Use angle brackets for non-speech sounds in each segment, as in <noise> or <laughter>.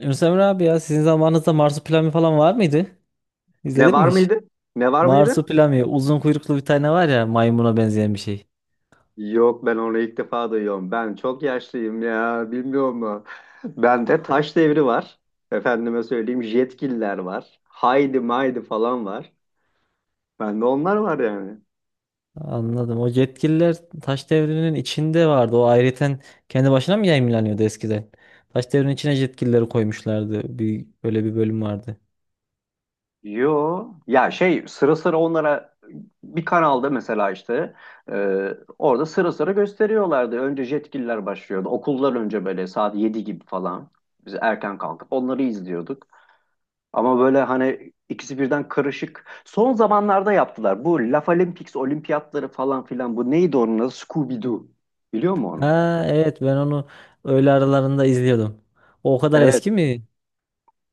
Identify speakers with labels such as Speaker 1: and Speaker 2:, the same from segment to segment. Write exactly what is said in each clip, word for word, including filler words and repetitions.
Speaker 1: Yunus Emre abi, ya sizin zamanınızda Marsupilami falan var mıydı?
Speaker 2: Ne
Speaker 1: İzledin
Speaker 2: var
Speaker 1: mi hiç?
Speaker 2: mıydı? Ne var mıydı?
Speaker 1: Marsupilami, uzun kuyruklu bir tane var ya, maymuna benzeyen bir şey.
Speaker 2: Yok, ben onu ilk defa duyuyorum. Ben çok yaşlıyım ya, bilmiyor mu? Bende taş devri var. Efendime söyleyeyim, jetgiller var. Haydi maydi falan var. Bende onlar var yani.
Speaker 1: Anladım. O yetkililer Taş Devri'nin içinde vardı. O ayrıyeten kendi başına mı yayınlanıyordu eskiden? Taş Devri'nin içine yetkilileri koymuşlardı. Bir, böyle bir bölüm vardı.
Speaker 2: Yo ya, şey, sıra sıra onlara bir kanalda mesela işte e, orada sıra sıra gösteriyorlardı. Önce jetgiller başlıyordu. Okullar önce böyle saat yedi gibi falan. Biz erken kalkıp onları izliyorduk. Ama böyle hani ikisi birden karışık. Son zamanlarda yaptılar. Bu Laf Olympics, olimpiyatları falan filan. Bu neydi onun adı? Scooby-Doo. Biliyor musun onu?
Speaker 1: Ha evet, ben onu öğle aralarında izliyordum. O o kadar
Speaker 2: Evet.
Speaker 1: eski mi?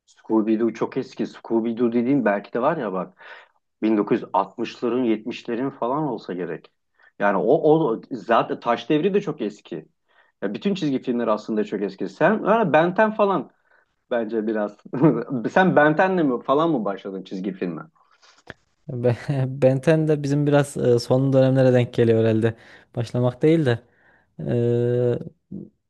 Speaker 2: Scooby-Doo çok eski. Scooby-Doo dediğin belki de var ya bak. bin dokuz yüz altmışların yetmişlerin falan olsa gerek. Yani o, o zaten Taş Devri de çok eski. Ya bütün çizgi filmler aslında çok eski. Sen yani Benten falan bence biraz. <laughs> Sen Benten'le mi falan mı başladın çizgi filme?
Speaker 1: Be- <laughs> Ben on de bizim biraz e, son dönemlere denk geliyor herhalde. Başlamak değil de. Eee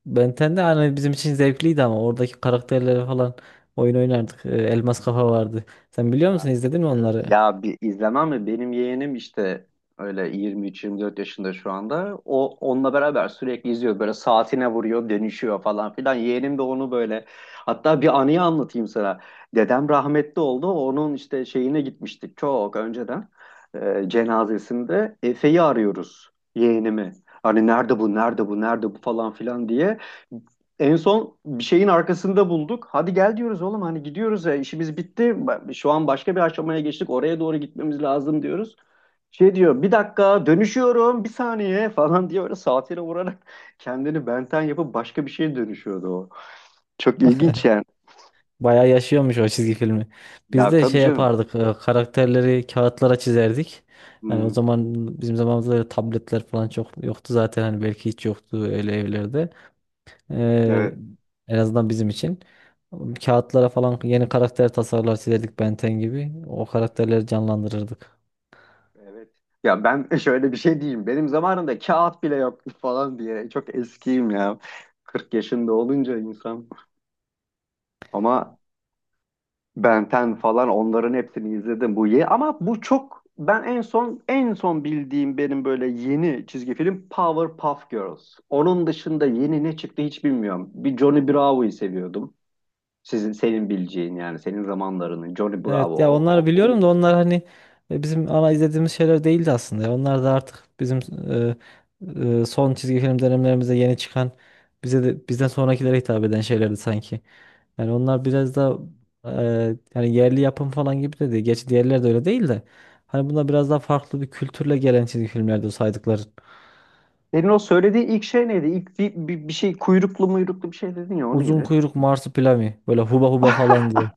Speaker 1: Ben on de hani bizim için zevkliydi ama oradaki karakterleri falan oyun oynardık. Eee, Elmas Kafa vardı. Sen biliyor
Speaker 2: Ya,
Speaker 1: musun? İzledin mi
Speaker 2: e,
Speaker 1: onları?
Speaker 2: ya bir izlemem mi? Benim yeğenim işte öyle yirmi üç yirmi dört yaşında şu anda. O onunla beraber sürekli izliyor. Böyle saatine vuruyor, dönüşüyor falan filan. Yeğenim de onu böyle. Hatta bir anıyı anlatayım sana. Dedem rahmetli oldu. Onun işte şeyine gitmiştik çok önceden. E, cenazesinde Efe'yi arıyoruz, yeğenimi. Hani nerede bu, nerede bu, nerede bu falan filan diye. En son bir şeyin arkasında bulduk. Hadi gel diyoruz oğlum, hani gidiyoruz ya, işimiz bitti. Ba- Şu an başka bir aşamaya geçtik. Oraya doğru gitmemiz lazım diyoruz. Şey diyor, bir dakika dönüşüyorum bir saniye <laughs> falan diye, böyle saatine vurarak <laughs> kendini benten yapıp başka bir şeye dönüşüyordu o. Çok ilginç yani.
Speaker 1: Bayağı yaşıyormuş o çizgi filmi. Biz
Speaker 2: Ya
Speaker 1: de
Speaker 2: tabii
Speaker 1: şey
Speaker 2: canım.
Speaker 1: yapardık. e, Karakterleri kağıtlara çizerdik. Yani o
Speaker 2: Hmm,
Speaker 1: zaman bizim zamanımızda öyle tabletler falan çok yoktu zaten. Hani belki hiç yoktu öyle evlerde. Ee,
Speaker 2: evet.
Speaker 1: En azından bizim için. Kağıtlara falan yeni karakter tasarlar çizerdik, Benten gibi. O karakterleri canlandırırdık.
Speaker 2: Evet. Ya ben <laughs> şöyle bir şey diyeyim. Benim zamanımda kağıt bile yoktu <laughs> falan diye. Çok eskiyim ya. kırk yaşında olunca insan. Ama Ben on falan onların hepsini izledim bu ye ama bu çok ben en son en son bildiğim benim böyle yeni çizgi film Powerpuff Girls. Onun dışında yeni ne çıktı hiç bilmiyorum. Bir Johnny Bravo'yu seviyordum. Sizin senin bileceğin yani senin zamanlarının Johnny Bravo.
Speaker 1: Evet ya,
Speaker 2: O,
Speaker 1: onlar
Speaker 2: o, o
Speaker 1: biliyorum da onlar hani e, bizim ana izlediğimiz şeyler değildi aslında, ya. Onlar da artık bizim e, e, son çizgi film dönemlerimizde yeni çıkan, bize de bizden sonrakilere hitap eden şeylerdi sanki. Yani onlar biraz da e, yani yerli yapım falan gibi de değil. Gerçi diğerleri de öyle değil de. Hani bunlar biraz daha farklı bir kültürle gelen çizgi filmlerdi, o saydıkların.
Speaker 2: Senin o söylediğin ilk şey neydi? İlk bir, bir, bir şey, kuyruklu muyruklu bir şey dedin ya, o
Speaker 1: Uzun
Speaker 2: neydi?
Speaker 1: kuyruk marsupilami, böyle huba huba falan diye.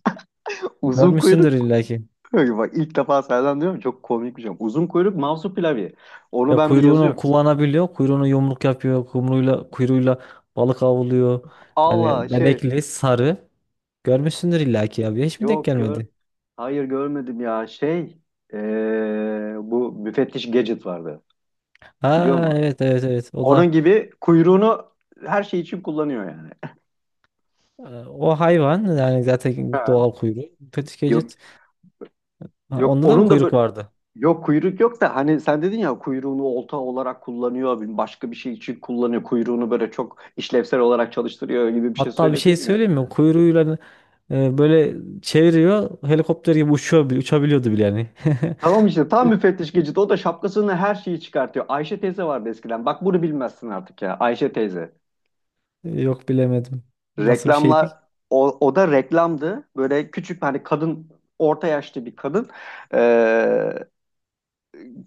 Speaker 2: Uzun
Speaker 1: Görmüşsündür
Speaker 2: kuyruk.
Speaker 1: illaki.
Speaker 2: <laughs> Bak, ilk defa senden diyorum, çok komik bir şey. Uzun kuyruk Mavsu Pilavı. Onu
Speaker 1: Ya,
Speaker 2: ben bir
Speaker 1: kuyruğunu
Speaker 2: yazıyorum.
Speaker 1: kullanabiliyor. Kuyruğunu yumruk yapıyor. Kumruyla, kuyruğuyla balık avlıyor.
Speaker 2: Allah
Speaker 1: Yani
Speaker 2: şey.
Speaker 1: benekli, sarı. Görmüşsündür illaki ya. Hiç mi denk
Speaker 2: Yok gör.
Speaker 1: gelmedi?
Speaker 2: Hayır, görmedim ya. Şey, eee, bu müfettiş Gadget vardı. Biliyor
Speaker 1: Ha
Speaker 2: musun?
Speaker 1: evet evet evet. O
Speaker 2: Onun
Speaker 1: da
Speaker 2: gibi kuyruğunu her şey için kullanıyor yani.
Speaker 1: e, o hayvan, yani zaten
Speaker 2: Ha.
Speaker 1: doğal kuyruğu. Kötü
Speaker 2: Yok
Speaker 1: gecet. Ha,
Speaker 2: yok
Speaker 1: onda da mı
Speaker 2: onun da
Speaker 1: kuyruk
Speaker 2: böyle
Speaker 1: vardı?
Speaker 2: yok, kuyruk yok da, hani sen dedin ya, kuyruğunu olta olarak kullanıyor, bir- başka bir şey için kullanıyor kuyruğunu, böyle çok işlevsel olarak çalıştırıyor gibi bir şey
Speaker 1: Hatta bir şey
Speaker 2: söyledin ya.
Speaker 1: söyleyeyim mi? Kuyruğuyla e, böyle çeviriyor. Helikopter gibi uçuyor, bile- uçabiliyordu bile yani.
Speaker 2: Tamam işte, tam müfettiş Gadget, o da şapkasını her şeyi çıkartıyor. Ayşe teyze vardı eskiden, bak bunu bilmezsin artık ya, Ayşe teyze.
Speaker 1: <laughs> Yok, bilemedim. Nasıl bir şeydi?
Speaker 2: Reklamlar, o, o da reklamdı. Böyle küçük hani kadın, orta yaşlı bir kadın, eee,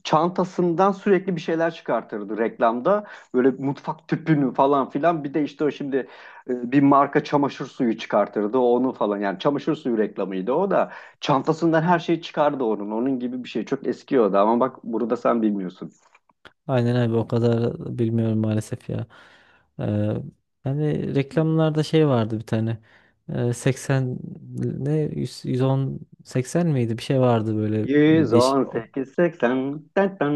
Speaker 2: çantasından sürekli bir şeyler çıkartırdı reklamda. Böyle mutfak tüpünü falan filan, bir de işte o şimdi e, bir marka çamaşır suyu çıkartırdı onu falan. Yani çamaşır suyu reklamıydı o da. Çantasından her şey çıkardı onun. Onun gibi bir şey, çok eski o da ama bak, burada sen bilmiyorsun.
Speaker 1: Aynen abi, o kadar bilmiyorum maalesef ya. Ee, Hani reklamlarda şey vardı bir tane. Ee, seksen ne yüz, yüz on seksen miydi? Bir şey vardı böyle, bir değişik.
Speaker 2: yüz on sekiz seksen.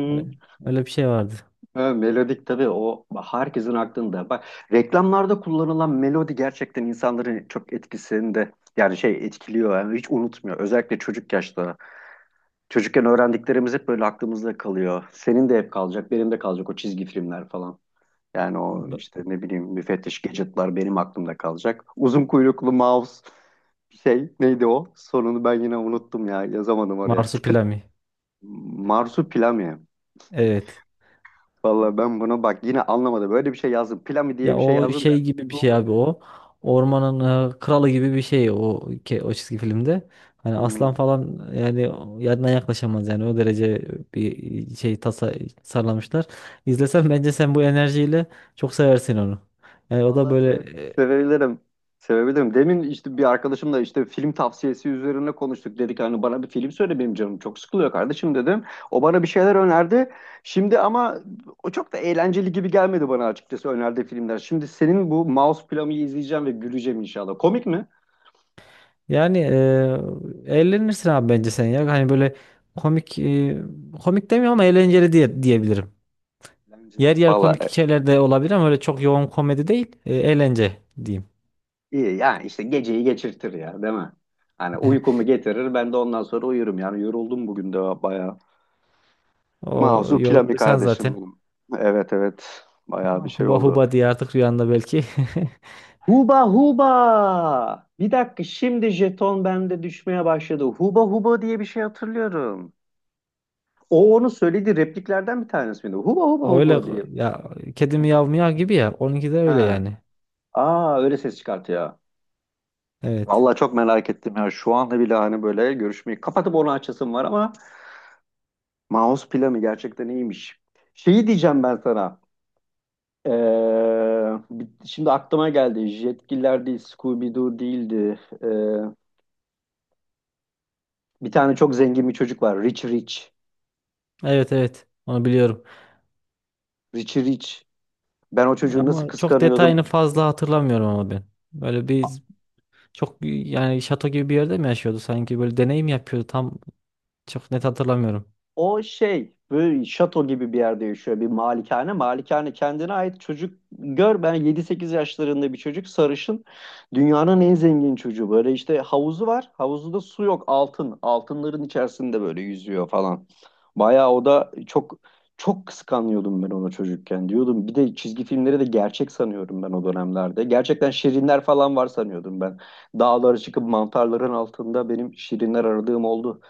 Speaker 1: Öyle, öyle bir şey vardı.
Speaker 2: Ha, melodik tabii, o herkesin aklında. Bak, reklamlarda kullanılan melodi gerçekten insanların çok etkisinde, yani şey etkiliyor yani, hiç unutmuyor. Özellikle çocuk yaşta. Çocukken öğrendiklerimiz hep böyle aklımızda kalıyor. Senin de hep kalacak, benim de kalacak o çizgi filmler falan. Yani o işte, ne bileyim, müfettiş Gadget'lar benim aklımda kalacak. Uzun kuyruklu mouse, şey, neydi o? Sonunu ben yine unuttum ya, yazamadım oraya. Tıkır.
Speaker 1: Marsupilami.
Speaker 2: Marsupilami.
Speaker 1: Evet.
Speaker 2: Vallahi ben bunu bak yine anlamadım. Böyle bir şey yazdım. Plami diye
Speaker 1: Ya
Speaker 2: bir şey
Speaker 1: o
Speaker 2: yazdım da.
Speaker 1: şey gibi bir şey
Speaker 2: Google.
Speaker 1: abi o. Ormanın e, kralı gibi bir şey o, ke- o çizgi filmde. Hani aslan
Speaker 2: Hmm.
Speaker 1: falan yani o- yanına yaklaşamaz, yani o derece bir şey tasa tasarlamışlar. İzlesen bence sen bu enerjiyle çok seversin onu. Yani o da
Speaker 2: Vallahi
Speaker 1: böyle
Speaker 2: seve-
Speaker 1: e,
Speaker 2: sevebilirim. Sevebilirim. Demin işte bir arkadaşımla işte film tavsiyesi üzerine konuştuk. Dedik hani, bana bir film söyle, benim canım çok sıkılıyor kardeşim dedim. O bana bir şeyler önerdi. Şimdi ama o çok da eğlenceli gibi gelmedi bana, açıkçası önerdiği filmler. Şimdi senin bu Mouse Plami'yi izleyeceğim ve güleceğim inşallah. Komik mi?
Speaker 1: yani e, eğlenirsin abi bence sen ya. Hani böyle komik, e, komik demiyorum ama eğlenceli diye diyebilirim. Yer
Speaker 2: Eğlenceli.
Speaker 1: yer
Speaker 2: Valla.
Speaker 1: komik şeyler de olabilir ama öyle çok yoğun komedi değil. E, eğlence diyeyim.
Speaker 2: İyi yani işte, geceyi geçirtir ya değil mi? Hani
Speaker 1: <laughs>
Speaker 2: uykumu getirir, ben de ondan sonra uyurum yani, yoruldum bugün de bayağı.
Speaker 1: O
Speaker 2: Mazur Pilami
Speaker 1: yorulduysan
Speaker 2: kardeşim
Speaker 1: zaten
Speaker 2: benim. Evet evet, bayağı bir şey
Speaker 1: huba
Speaker 2: oldu.
Speaker 1: huba diye artık rüyanda belki. <laughs>
Speaker 2: Huba huba! Bir dakika, şimdi jeton bende düşmeye başladı. Huba huba diye bir şey hatırlıyorum. O onu söyledi, repliklerden bir tanesi miydi? Huba huba
Speaker 1: Öyle
Speaker 2: huba diye.
Speaker 1: ya, kedi miyav miyav gibi ya. Onunki de öyle
Speaker 2: Ha.
Speaker 1: yani.
Speaker 2: Aa, öyle ses çıkartıyor.
Speaker 1: Evet.
Speaker 2: Vallahi çok merak ettim ya. Şu anda bile hani böyle görüşmeyi kapatıp onu açasım var ama Mouse planı gerçekten iyiymiş. Şeyi diyeceğim ben sana. Ee, bir- şimdi aklıma geldi. Jetgiller değil, Scooby-Doo değildi. Ee, bir tane çok zengin bir çocuk var. Rich Rich.
Speaker 1: Evet evet. Onu biliyorum.
Speaker 2: Rich Rich. Ben o çocuğu nasıl
Speaker 1: Ama çok
Speaker 2: kıskanıyordum.
Speaker 1: detayını fazla hatırlamıyorum ama ben. Böyle bir, çok yani şato gibi bir yerde mi yaşıyordu sanki, böyle deneyim yapıyordu tam, çok net hatırlamıyorum.
Speaker 2: O şey, böyle şato gibi bir yerde yaşıyor, bir malikane. Malikane kendine ait, çocuk gör, ben yedi sekiz yaşlarında bir çocuk, sarışın, dünyanın en zengin çocuğu. Böyle işte havuzu var, havuzunda su yok, altın, altınların içerisinde böyle yüzüyor falan. Bayağı o da çok, çok kıskanıyordum ben onu çocukken, diyordum. Bir de çizgi filmleri de gerçek sanıyorum ben o dönemlerde. Gerçekten şirinler falan var sanıyordum ben. Dağlara çıkıp mantarların altında benim şirinler aradığım oldu.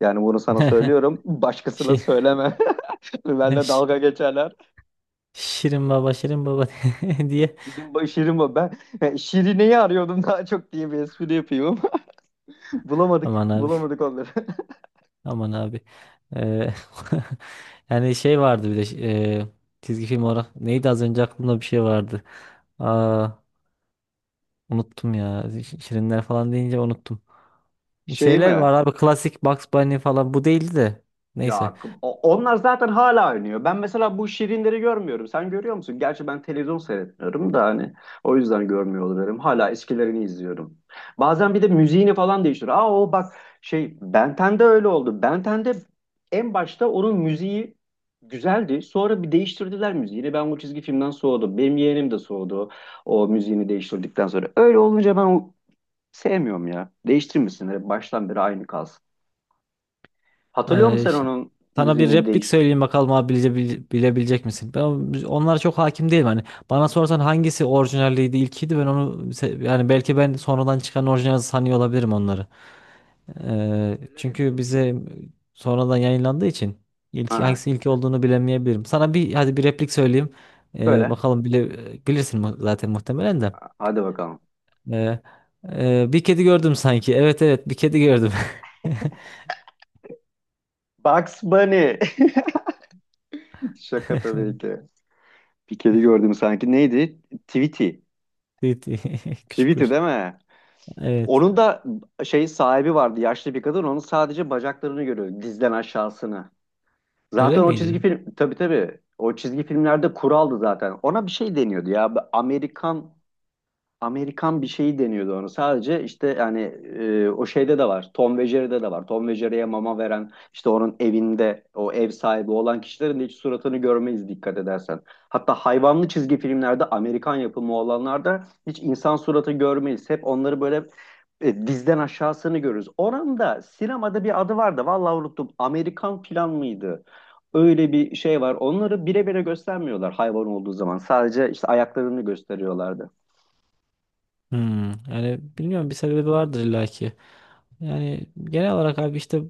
Speaker 2: Yani bunu sana
Speaker 1: <laughs>
Speaker 2: söylüyorum. Başkasına
Speaker 1: Şi-
Speaker 2: söyleme. <laughs> Benle
Speaker 1: şi-
Speaker 2: dalga geçerler.
Speaker 1: Şirin baba, şirin baba <laughs> diye,
Speaker 2: Şirin, ba- şirin ba- ben yani Şirine'yi arıyordum daha çok diye bir espri yapıyorum. <laughs> Bulamadık.
Speaker 1: aman abi.
Speaker 2: Bulamadık onları. <laughs>
Speaker 1: Aman abi. Eee, <laughs> yani şey vardı bir de, eee, çizgi film olarak neydi, az önce aklımda bir şey vardı. Aa, unuttum ya. Ş- Şirinler falan deyince unuttum.
Speaker 2: Şey
Speaker 1: Şeyler var
Speaker 2: mi?
Speaker 1: abi, klasik Bugs Bunny falan, bu değildi de. Neyse.
Speaker 2: Ya k- o- onlar zaten hala oynuyor. Ben mesela bu Şirinleri görmüyorum. Sen görüyor musun? Gerçi ben televizyon seyretmiyorum da hani o yüzden görmüyor olabilirim. Hala eskilerini izliyorum. Bazen bir de müziğini falan değiştiriyor. Aa o bak, şey, Ben onda öyle oldu. Ben onda en başta onun müziği güzeldi. Sonra bir değiştirdiler müziğini. Ben o çizgi filmden soğudum. Benim yeğenim de soğudu o müziğini değiştirdikten sonra. Öyle olunca ben o sevmiyorum ya. Değiştirmesinler. Baştan beri aynı kalsın. Hatırlıyor musun
Speaker 1: Eee,
Speaker 2: sen
Speaker 1: ş-
Speaker 2: onun
Speaker 1: Sana bir
Speaker 2: müziğinin
Speaker 1: replik
Speaker 2: değiş.
Speaker 1: söyleyeyim bakalım abi, bile, bile- bilebilecek misin? Ben onlara çok hakim değilim. Hani bana sorsan hangisi orijinaliydi, ilkiydi, ben onu se- yani belki ben sonradan çıkan orijinal sanıyor olabilirim onları. Ee,
Speaker 2: Böyle
Speaker 1: çünkü
Speaker 2: repliğim.
Speaker 1: bize sonradan yayınlandığı için ilk
Speaker 2: Ha,
Speaker 1: hangisi, ilk olduğunu bilemeyebilirim. Sana bir, hadi bir replik söyleyeyim. Ee,
Speaker 2: böyle.
Speaker 1: bakalım bile bilirsin mu- zaten muhtemelen de.
Speaker 2: Hadi bakalım.
Speaker 1: Ee, e, Bir kedi gördüm sanki. Evet evet, bir kedi gördüm.
Speaker 2: Bugs Bunny. <laughs> Şaka tabii
Speaker 1: <laughs>
Speaker 2: ki. Bir kedi gördüm sanki. Neydi? Tweety.
Speaker 1: Tüy tüy. <laughs> Küçük
Speaker 2: Tweety
Speaker 1: kuş.
Speaker 2: değil mi?
Speaker 1: Evet.
Speaker 2: Onun da şey, sahibi vardı. Yaşlı bir kadın. Onun sadece bacaklarını görüyor. Dizden aşağısını.
Speaker 1: Öyle
Speaker 2: Zaten o çizgi
Speaker 1: miydi?
Speaker 2: film, tabii tabii. O çizgi filmlerde kuraldı zaten. Ona bir şey deniyordu ya. Amerikan, Amerikan bir şeyi deniyordu onu. Sadece işte yani e, o şeyde de var. Tom ve Jerry'de de var. Tom ve Jerry'ye mama veren işte onun evinde o ev sahibi olan kişilerin de hiç suratını görmeyiz dikkat edersen. Hatta hayvanlı çizgi filmlerde, Amerikan yapımı olanlarda hiç insan suratı görmeyiz. Hep onları böyle e, dizden aşağısını görürüz. Oranın da sinemada bir adı vardı. Vallahi unuttum. Amerikan plan mıydı? Öyle bir şey var. Onları bire bire göstermiyorlar hayvan olduğu zaman. Sadece işte ayaklarını gösteriyorlardı.
Speaker 1: Hmm, yani bilmiyorum, bir sebebi vardır illaki. Yani genel olarak abi işte,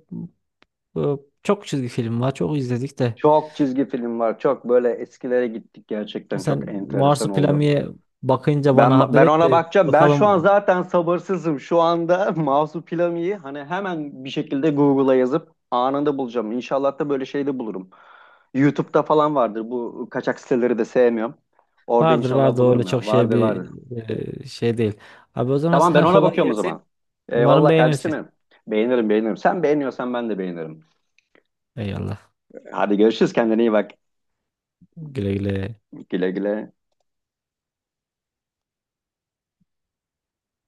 Speaker 1: bu- çok çizgi film var. Çok izledik de.
Speaker 2: Çok çizgi film var. Çok böyle eskilere gittik, gerçekten çok
Speaker 1: Sen
Speaker 2: enteresan oldu.
Speaker 1: Marsupilami'ye bakınca bana
Speaker 2: Ben
Speaker 1: haber
Speaker 2: ben
Speaker 1: et
Speaker 2: ona
Speaker 1: de
Speaker 2: bakacağım. Ben şu an
Speaker 1: bakalım.
Speaker 2: zaten sabırsızım. Şu anda <laughs> Marsupilami'yi hani hemen bir şekilde Google'a yazıp anında bulacağım. İnşallah da böyle şey de bulurum. YouTube'da falan vardır. Bu kaçak siteleri de sevmiyorum. Orada
Speaker 1: Vardır
Speaker 2: inşallah
Speaker 1: vardır, öyle
Speaker 2: bulurum
Speaker 1: çok
Speaker 2: ya.
Speaker 1: şey
Speaker 2: Vardır vardır.
Speaker 1: bir, e, şey değil. Abi, o zaman
Speaker 2: Tamam, ben
Speaker 1: sana <laughs>
Speaker 2: ona
Speaker 1: kolay
Speaker 2: bakıyorum o
Speaker 1: gelsin.
Speaker 2: zaman.
Speaker 1: Umarım
Speaker 2: Eyvallah kardeşim.
Speaker 1: beğenirsin.
Speaker 2: Benim. Beğenirim beğenirim. Sen beğeniyorsan ben de beğenirim.
Speaker 1: Eyvallah.
Speaker 2: Hadi görüşürüz. Kendine iyi bak.
Speaker 1: Güle güle.
Speaker 2: Güle güle.